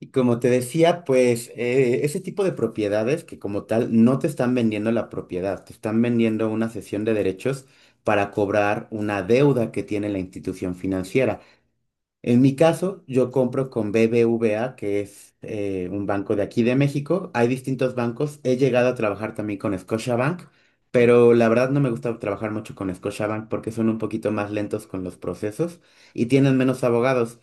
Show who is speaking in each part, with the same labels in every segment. Speaker 1: Y como te decía, pues ese tipo de propiedades que como tal no te están vendiendo la propiedad, te están vendiendo una cesión de derechos para cobrar una deuda que tiene la institución financiera. En mi caso, yo compro con BBVA, que es un banco de aquí de México. Hay distintos bancos. He llegado a trabajar también con Scotiabank, pero la verdad no me gusta trabajar mucho con Scotiabank porque son un poquito más lentos con los procesos y tienen menos abogados.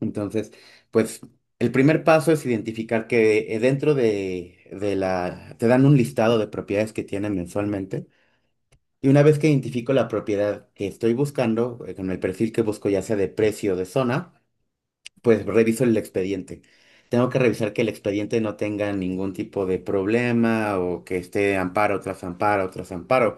Speaker 1: Entonces, pues el primer paso es identificar que dentro de la, te dan un listado de propiedades que tienen mensualmente. Y una vez que identifico la propiedad que estoy buscando, con el perfil que busco, ya sea de precio o de zona, pues reviso el expediente. Tengo que revisar que el expediente no tenga ningún tipo de problema o que esté amparo tras amparo tras amparo,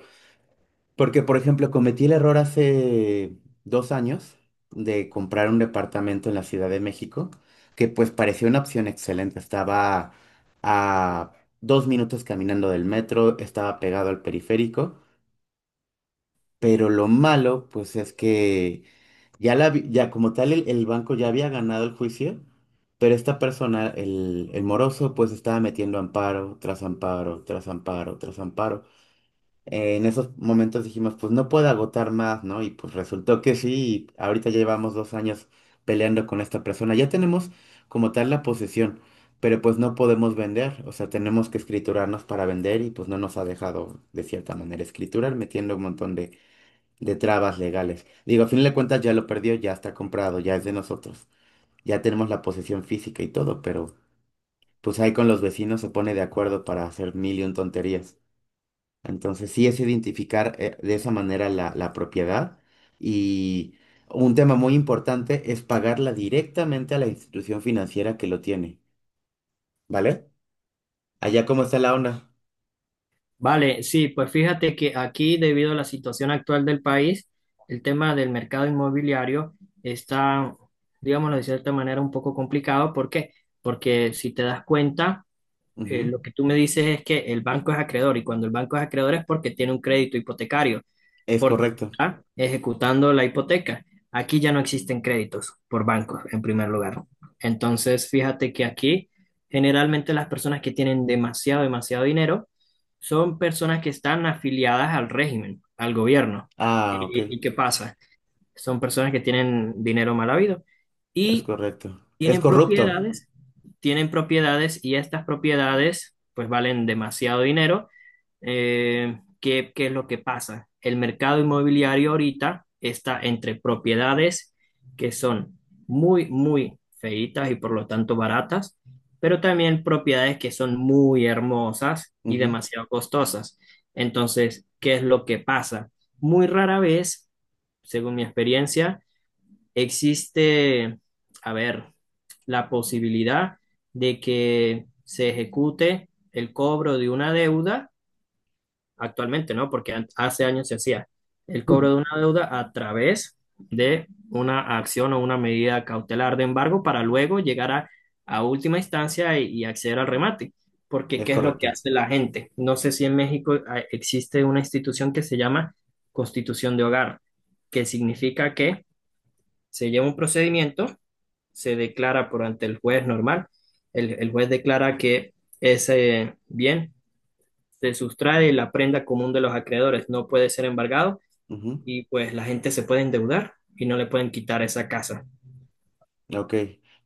Speaker 1: porque, por ejemplo, cometí el error hace 2 años de comprar un departamento en la Ciudad de México, que pues parecía una opción excelente. Estaba a 2 minutos caminando del metro, estaba pegado al periférico, pero lo malo, pues es que ya como tal el banco ya había ganado el juicio, pero esta persona, el moroso, pues estaba metiendo amparo tras amparo, tras amparo, tras amparo en esos momentos dijimos, pues no puedo agotar más, ¿no? Y pues resultó que sí, y ahorita ya llevamos 2 años peleando con esta persona. Ya tenemos como tal la posesión, pero pues no podemos vender, o sea, tenemos que escriturarnos para vender y pues no nos ha dejado de cierta manera escriturar, metiendo un montón de, trabas legales. Digo, a fin de cuentas ya lo perdió, ya está comprado, ya es de nosotros, ya tenemos la posesión física y todo, pero pues ahí con los vecinos se pone de acuerdo para hacer mil y un tonterías. Entonces, sí es identificar de esa manera la propiedad y un tema muy importante es pagarla directamente a la institución financiera que lo tiene, ¿vale? ¿Allá cómo está la onda?
Speaker 2: Vale, sí, pues fíjate que aquí, debido a la situación actual del país, el tema del mercado inmobiliario está, digámoslo de cierta manera, un poco complicado. ¿Por qué? Porque si te das cuenta,
Speaker 1: Ujú.
Speaker 2: lo que tú me dices es que el banco es acreedor y cuando el banco es acreedor es porque tiene un crédito hipotecario
Speaker 1: Es
Speaker 2: porque
Speaker 1: correcto.
Speaker 2: está ejecutando la hipoteca. Aquí ya no existen créditos por bancos, en primer lugar, ¿no? Entonces, fíjate que aquí generalmente las personas que tienen demasiado, demasiado dinero son personas que están afiliadas al régimen, al gobierno.
Speaker 1: Ah, ok.
Speaker 2: ¿Y qué pasa? Son personas que tienen dinero mal habido.
Speaker 1: Es
Speaker 2: Y
Speaker 1: correcto. Es
Speaker 2: tienen
Speaker 1: corrupto.
Speaker 2: propiedades, tienen propiedades y estas propiedades pues valen demasiado dinero. ¿Qué, qué es lo que pasa? El mercado inmobiliario ahorita está entre propiedades que son muy, muy feitas y por lo tanto baratas, pero también propiedades que son muy hermosas y
Speaker 1: Ujú.
Speaker 2: demasiado costosas. Entonces, ¿qué es lo que pasa? Muy rara vez, según mi experiencia, existe, a ver, la posibilidad de que se ejecute el cobro de una deuda, actualmente no, porque hace años se hacía el
Speaker 1: Ujú.
Speaker 2: cobro de una deuda a través de una acción o una medida cautelar de embargo para luego llegar a última instancia y acceder al remate. Porque,
Speaker 1: Es
Speaker 2: ¿qué es lo que
Speaker 1: correcto.
Speaker 2: hace la gente? No sé si en México existe una institución que se llama Constitución de Hogar, que significa que se lleva un procedimiento, se declara por ante el juez normal. El juez declara que ese bien se sustrae la prenda común de los acreedores, no puede ser embargado
Speaker 1: Ujú.
Speaker 2: y pues la gente se puede endeudar y no le pueden quitar esa casa.
Speaker 1: Ok.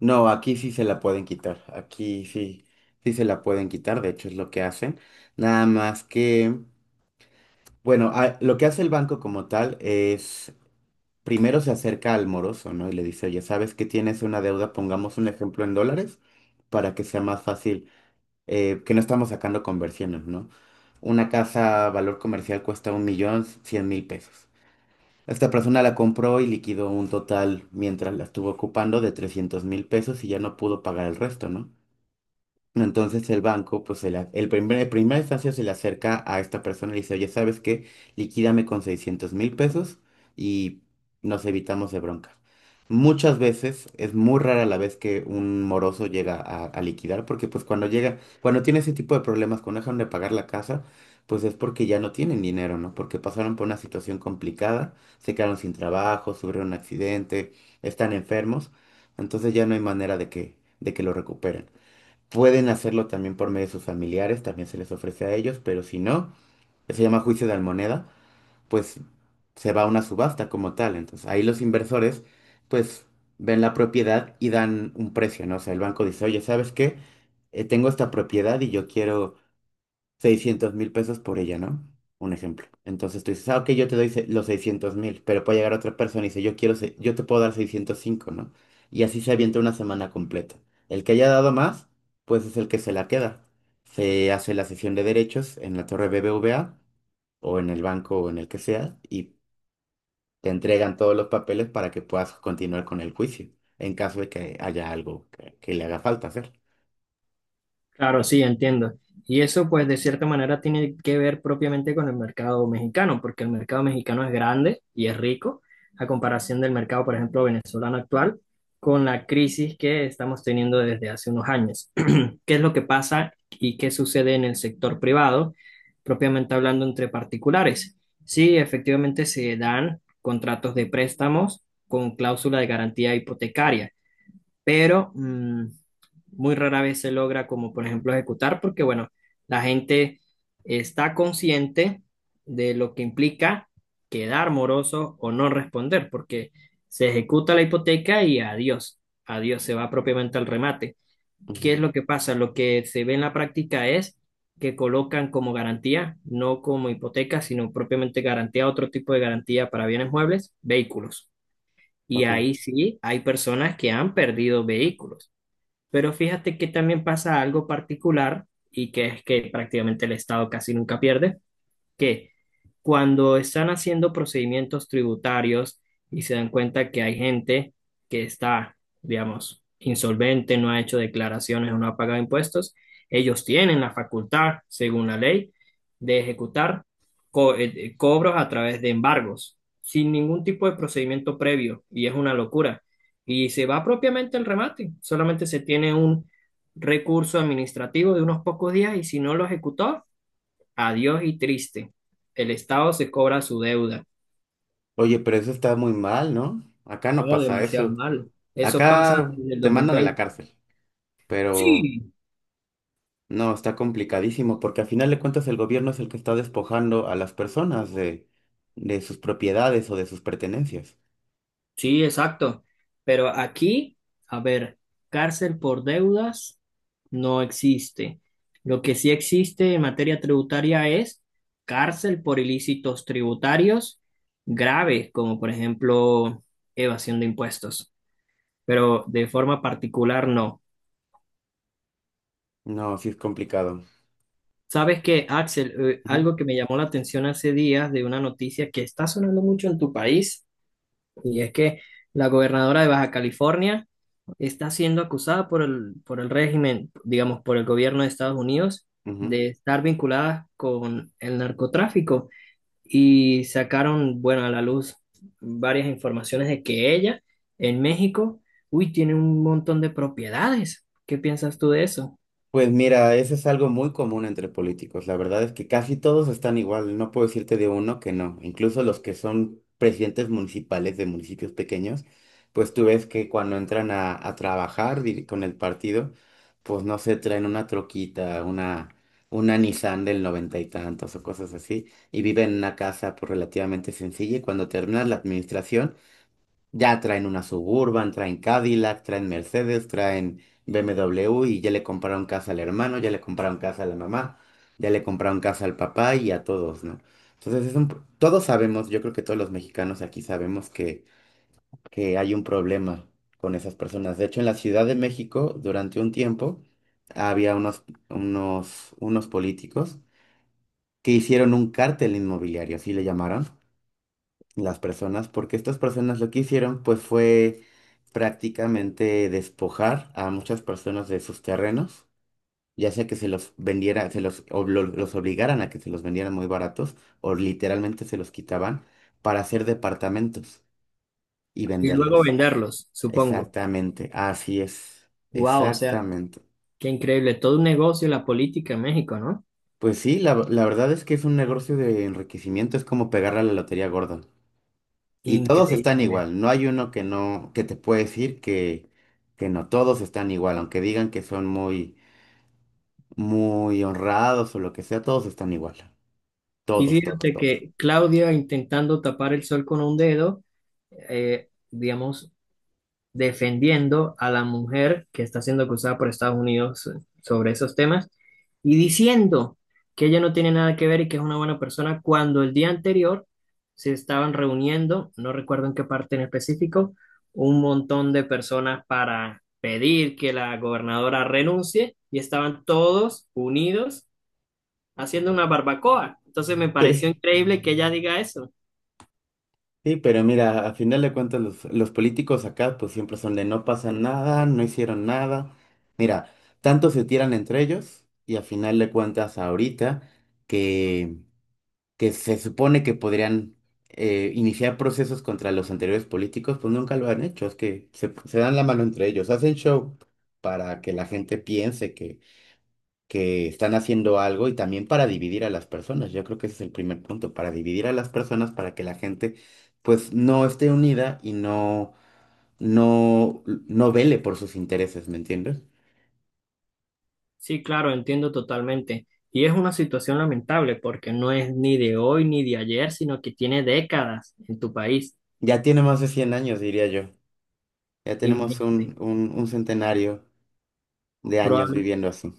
Speaker 1: No, aquí sí se la pueden quitar. Aquí sí, sí se la pueden quitar. De hecho, es lo que hacen. Nada más que. Bueno, lo que hace el banco como tal es primero se acerca al moroso, ¿no? Y le dice, oye, ¿sabes que tienes una deuda? Pongamos un ejemplo en dólares para que sea más fácil, que no estamos sacando conversiones, ¿no? Una casa valor comercial cuesta 1,100,000 pesos. Esta persona la compró y liquidó un total mientras la estuvo ocupando de 300,000 pesos y ya no pudo pagar el resto, ¿no? Entonces el banco, pues el, a- el primer, en primera instancia se le acerca a esta persona y le dice, oye, ¿sabes qué? Liquídame con 600,000 pesos y nos evitamos de bronca. Muchas veces es muy rara la vez que un moroso llega a liquidar porque pues cuando llega, cuando tiene ese tipo de problemas, cuando dejan de pagar la casa, pues es porque ya no tienen dinero, ¿no? Porque pasaron por una situación complicada, se quedaron sin trabajo, sufrieron un accidente, están enfermos, entonces ya no hay manera de que, lo recuperen. Pueden hacerlo también por medio de sus familiares, también se les ofrece a ellos, pero si no, que se llama juicio de almoneda, pues se va a una subasta como tal. Entonces ahí los inversores pues ven la propiedad y dan un precio, ¿no? O sea, el banco dice, oye, ¿sabes qué? Tengo esta propiedad y yo quiero 600,000 pesos por ella, ¿no? Un ejemplo. Entonces tú dices, ah, ok, yo te doy los 600,000, pero puede llegar otra persona y dice, yo quiero, yo te puedo dar 605, ¿no? Y así se avienta una semana completa. El que haya dado más, pues es el que se la queda. Se hace la sesión de derechos en la torre BBVA o en el banco o en el que sea y te entregan todos los papeles para que puedas continuar con el juicio, en caso de que haya algo que, le haga falta hacer.
Speaker 2: Claro, sí, entiendo. Y eso pues de cierta manera tiene que ver propiamente con el mercado mexicano, porque el mercado mexicano es grande y es rico a comparación del mercado, por ejemplo, venezolano actual, con la crisis que estamos teniendo desde hace unos años. ¿Qué es lo que pasa y qué sucede en el sector privado, propiamente hablando entre particulares? Sí, efectivamente se dan contratos de préstamos con cláusula de garantía hipotecaria, pero muy rara vez se logra, como por ejemplo, ejecutar, porque bueno, la gente está consciente de lo que implica quedar moroso o no responder, porque se ejecuta la hipoteca y adiós, adiós, se va propiamente al remate. ¿Qué es
Speaker 1: Ujú.
Speaker 2: lo que pasa? Lo que se ve en la práctica es que colocan como garantía, no como hipoteca, sino propiamente garantía, otro tipo de garantía para bienes muebles, vehículos. Y
Speaker 1: Ok.
Speaker 2: ahí sí hay personas que han perdido vehículos. Pero fíjate que también pasa algo particular, y que es que prácticamente el Estado casi nunca pierde, que cuando están haciendo procedimientos tributarios y se dan cuenta que hay gente que está, digamos, insolvente, no ha hecho declaraciones o no ha pagado impuestos, ellos tienen la facultad, según la ley, de ejecutar cobros a través de embargos, sin ningún tipo de procedimiento previo, y es una locura. Y se va propiamente el remate, solamente se tiene un recurso administrativo de unos pocos días y si no lo ejecutó, adiós y triste. El Estado se cobra su deuda.
Speaker 1: Oye, pero eso está muy mal, ¿no? Acá no
Speaker 2: No,
Speaker 1: pasa
Speaker 2: demasiado
Speaker 1: eso.
Speaker 2: malo. Eso pasa
Speaker 1: Acá
Speaker 2: desde el
Speaker 1: te
Speaker 2: dos mil
Speaker 1: mandan a la
Speaker 2: veinte.
Speaker 1: cárcel, pero
Speaker 2: Sí,
Speaker 1: no, está complicadísimo porque al final de cuentas el gobierno es el que está despojando a las personas de, sus propiedades o de sus pertenencias.
Speaker 2: sí, exacto. Pero aquí, a ver, cárcel por deudas no existe. Lo que sí existe en materia tributaria es cárcel por ilícitos tributarios graves, como por ejemplo evasión de impuestos. Pero de forma particular no.
Speaker 1: No, sí es complicado.
Speaker 2: Sabes que, Axel,
Speaker 1: Ujú.
Speaker 2: algo que me llamó la atención hace días de una noticia que está sonando mucho en tu país, y es que la gobernadora de Baja California está siendo acusada por el régimen, digamos, por el gobierno de Estados Unidos,
Speaker 1: Ujú.
Speaker 2: de estar vinculada con el narcotráfico. Y sacaron, bueno, a la luz varias informaciones de que ella, en México, uy, tiene un montón de propiedades. ¿Qué piensas tú de eso?
Speaker 1: Pues mira, eso es algo muy común entre políticos. La verdad es que casi todos están igual. No puedo decirte de uno que no. Incluso los que son presidentes municipales de municipios pequeños, pues tú ves que cuando entran a trabajar con el partido, pues no se traen una troquita, una Nissan del noventa y tantos o cosas así, y viven en una casa pues relativamente sencilla y cuando terminas la administración, ya traen una Suburban, traen Cadillac, traen Mercedes, traen BMW y ya le compraron casa al hermano, ya le compraron casa a la mamá, ya le compraron casa al papá y a todos, ¿no? Entonces todos sabemos, yo creo que todos los mexicanos aquí sabemos que, hay un problema con esas personas. De hecho, en la Ciudad de México, durante un tiempo, había unos políticos que hicieron un cártel inmobiliario, así le llamaron las personas, porque estas personas lo que hicieron pues fue prácticamente despojar a muchas personas de sus terrenos, ya sea que se los vendiera, se los, ob- lo- los obligaran a que se los vendieran muy baratos o literalmente se los quitaban para hacer departamentos y
Speaker 2: Y luego
Speaker 1: venderlos.
Speaker 2: venderlos, supongo.
Speaker 1: Exactamente, así es,
Speaker 2: Wow, o sea.
Speaker 1: exactamente.
Speaker 2: Qué increíble, todo un negocio la política en México, ¿no?
Speaker 1: Pues sí, la verdad es que es un negocio de enriquecimiento, es como pegarle a la lotería gorda. Y todos están
Speaker 2: Increíble.
Speaker 1: igual, no hay uno que no, que te puede decir que, no, todos están igual, aunque digan que son muy, muy honrados o lo que sea, todos están igual,
Speaker 2: Y
Speaker 1: todos, todos,
Speaker 2: fíjate
Speaker 1: todos.
Speaker 2: que Claudia intentando tapar el sol con un dedo, digamos, defendiendo a la mujer que está siendo acusada por Estados Unidos sobre esos temas y diciendo que ella no tiene nada que ver y que es una buena persona cuando el día anterior se estaban reuniendo, no recuerdo en qué parte en específico, un montón de personas para pedir que la gobernadora renuncie y estaban todos unidos haciendo una barbacoa. Entonces me pareció
Speaker 1: Sí,
Speaker 2: increíble que ella diga eso.
Speaker 1: sí, pero mira, a final de cuentas los políticos acá pues siempre son de no pasa nada, no hicieron nada. Mira, tanto se tiran entre ellos y a final de cuentas ahorita que se supone que podrían iniciar procesos contra los anteriores políticos, pues nunca lo han hecho. Es que se dan la mano entre ellos, hacen show para que la gente piense que, están haciendo algo y también para dividir a las personas. Yo creo que ese es el primer punto, para dividir a las personas, para que la gente pues no esté unida y no, no, no vele por sus intereses, ¿me entiendes?
Speaker 2: Sí, claro, entiendo totalmente. Y es una situación lamentable porque no es ni de hoy ni de ayer, sino que tiene décadas en tu país.
Speaker 1: Ya tiene más de 100 años, diría yo. Ya tenemos
Speaker 2: Imagínate,
Speaker 1: un centenario de años
Speaker 2: probable-
Speaker 1: viviendo así.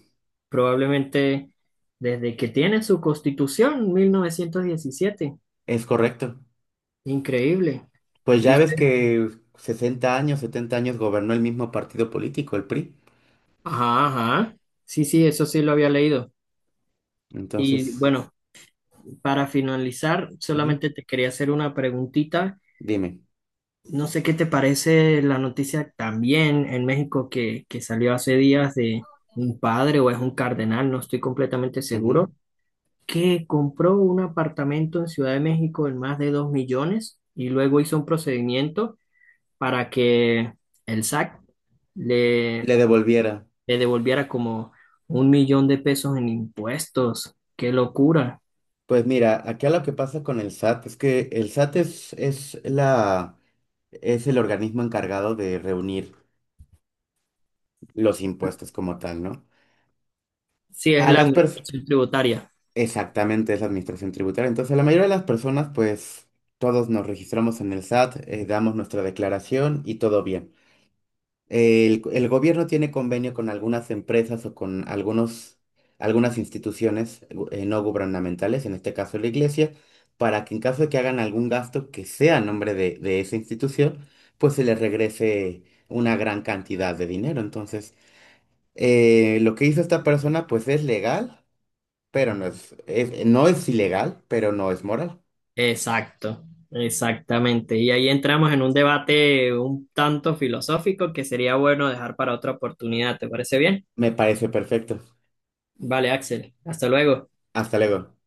Speaker 2: probablemente desde que tiene su constitución, 1917.
Speaker 1: Es correcto.
Speaker 2: Increíble.
Speaker 1: Pues
Speaker 2: Y
Speaker 1: ya ves
Speaker 2: usted,
Speaker 1: que 60 años, 70 años gobernó el mismo partido político, el PRI.
Speaker 2: ajá, ajá. Sí, sí, eso sí lo había leído. Y
Speaker 1: Entonces.
Speaker 2: bueno, para finalizar,
Speaker 1: Ujú.
Speaker 2: solamente te quería hacer una preguntita.
Speaker 1: Dime.
Speaker 2: No sé qué te parece la noticia también en México, que salió hace días, de un padre o es un cardenal, no estoy completamente
Speaker 1: Ujú.
Speaker 2: seguro, que compró un apartamento en Ciudad de México en más de 2 millones y luego hizo un procedimiento para que el SAC le,
Speaker 1: Le devolviera.
Speaker 2: le devolviera como 1 millón de pesos en impuestos. ¡Qué locura!
Speaker 1: Pues mira, acá lo que pasa con el SAT es que el SAT es, es el organismo encargado de reunir los impuestos como tal, ¿no?
Speaker 2: Sí, es
Speaker 1: A
Speaker 2: la
Speaker 1: las personas,
Speaker 2: administración tributaria.
Speaker 1: exactamente, es la administración tributaria. Entonces, la mayoría de las personas, pues, todos nos registramos en el SAT, damos nuestra declaración y todo bien. El gobierno tiene convenio con algunas empresas o con algunos, algunas instituciones no gubernamentales, en este caso la iglesia, para que en caso de que hagan algún gasto que sea a nombre de, esa institución, pues se les regrese una gran cantidad de dinero. Entonces, lo que hizo esta persona, pues es legal, pero no es, no es ilegal, pero no es moral.
Speaker 2: Exacto, exactamente. Y ahí entramos en un debate un tanto filosófico que sería bueno dejar para otra oportunidad. ¿Te parece bien?
Speaker 1: Me parece perfecto.
Speaker 2: Vale, Axel. Hasta luego.
Speaker 1: Hasta luego.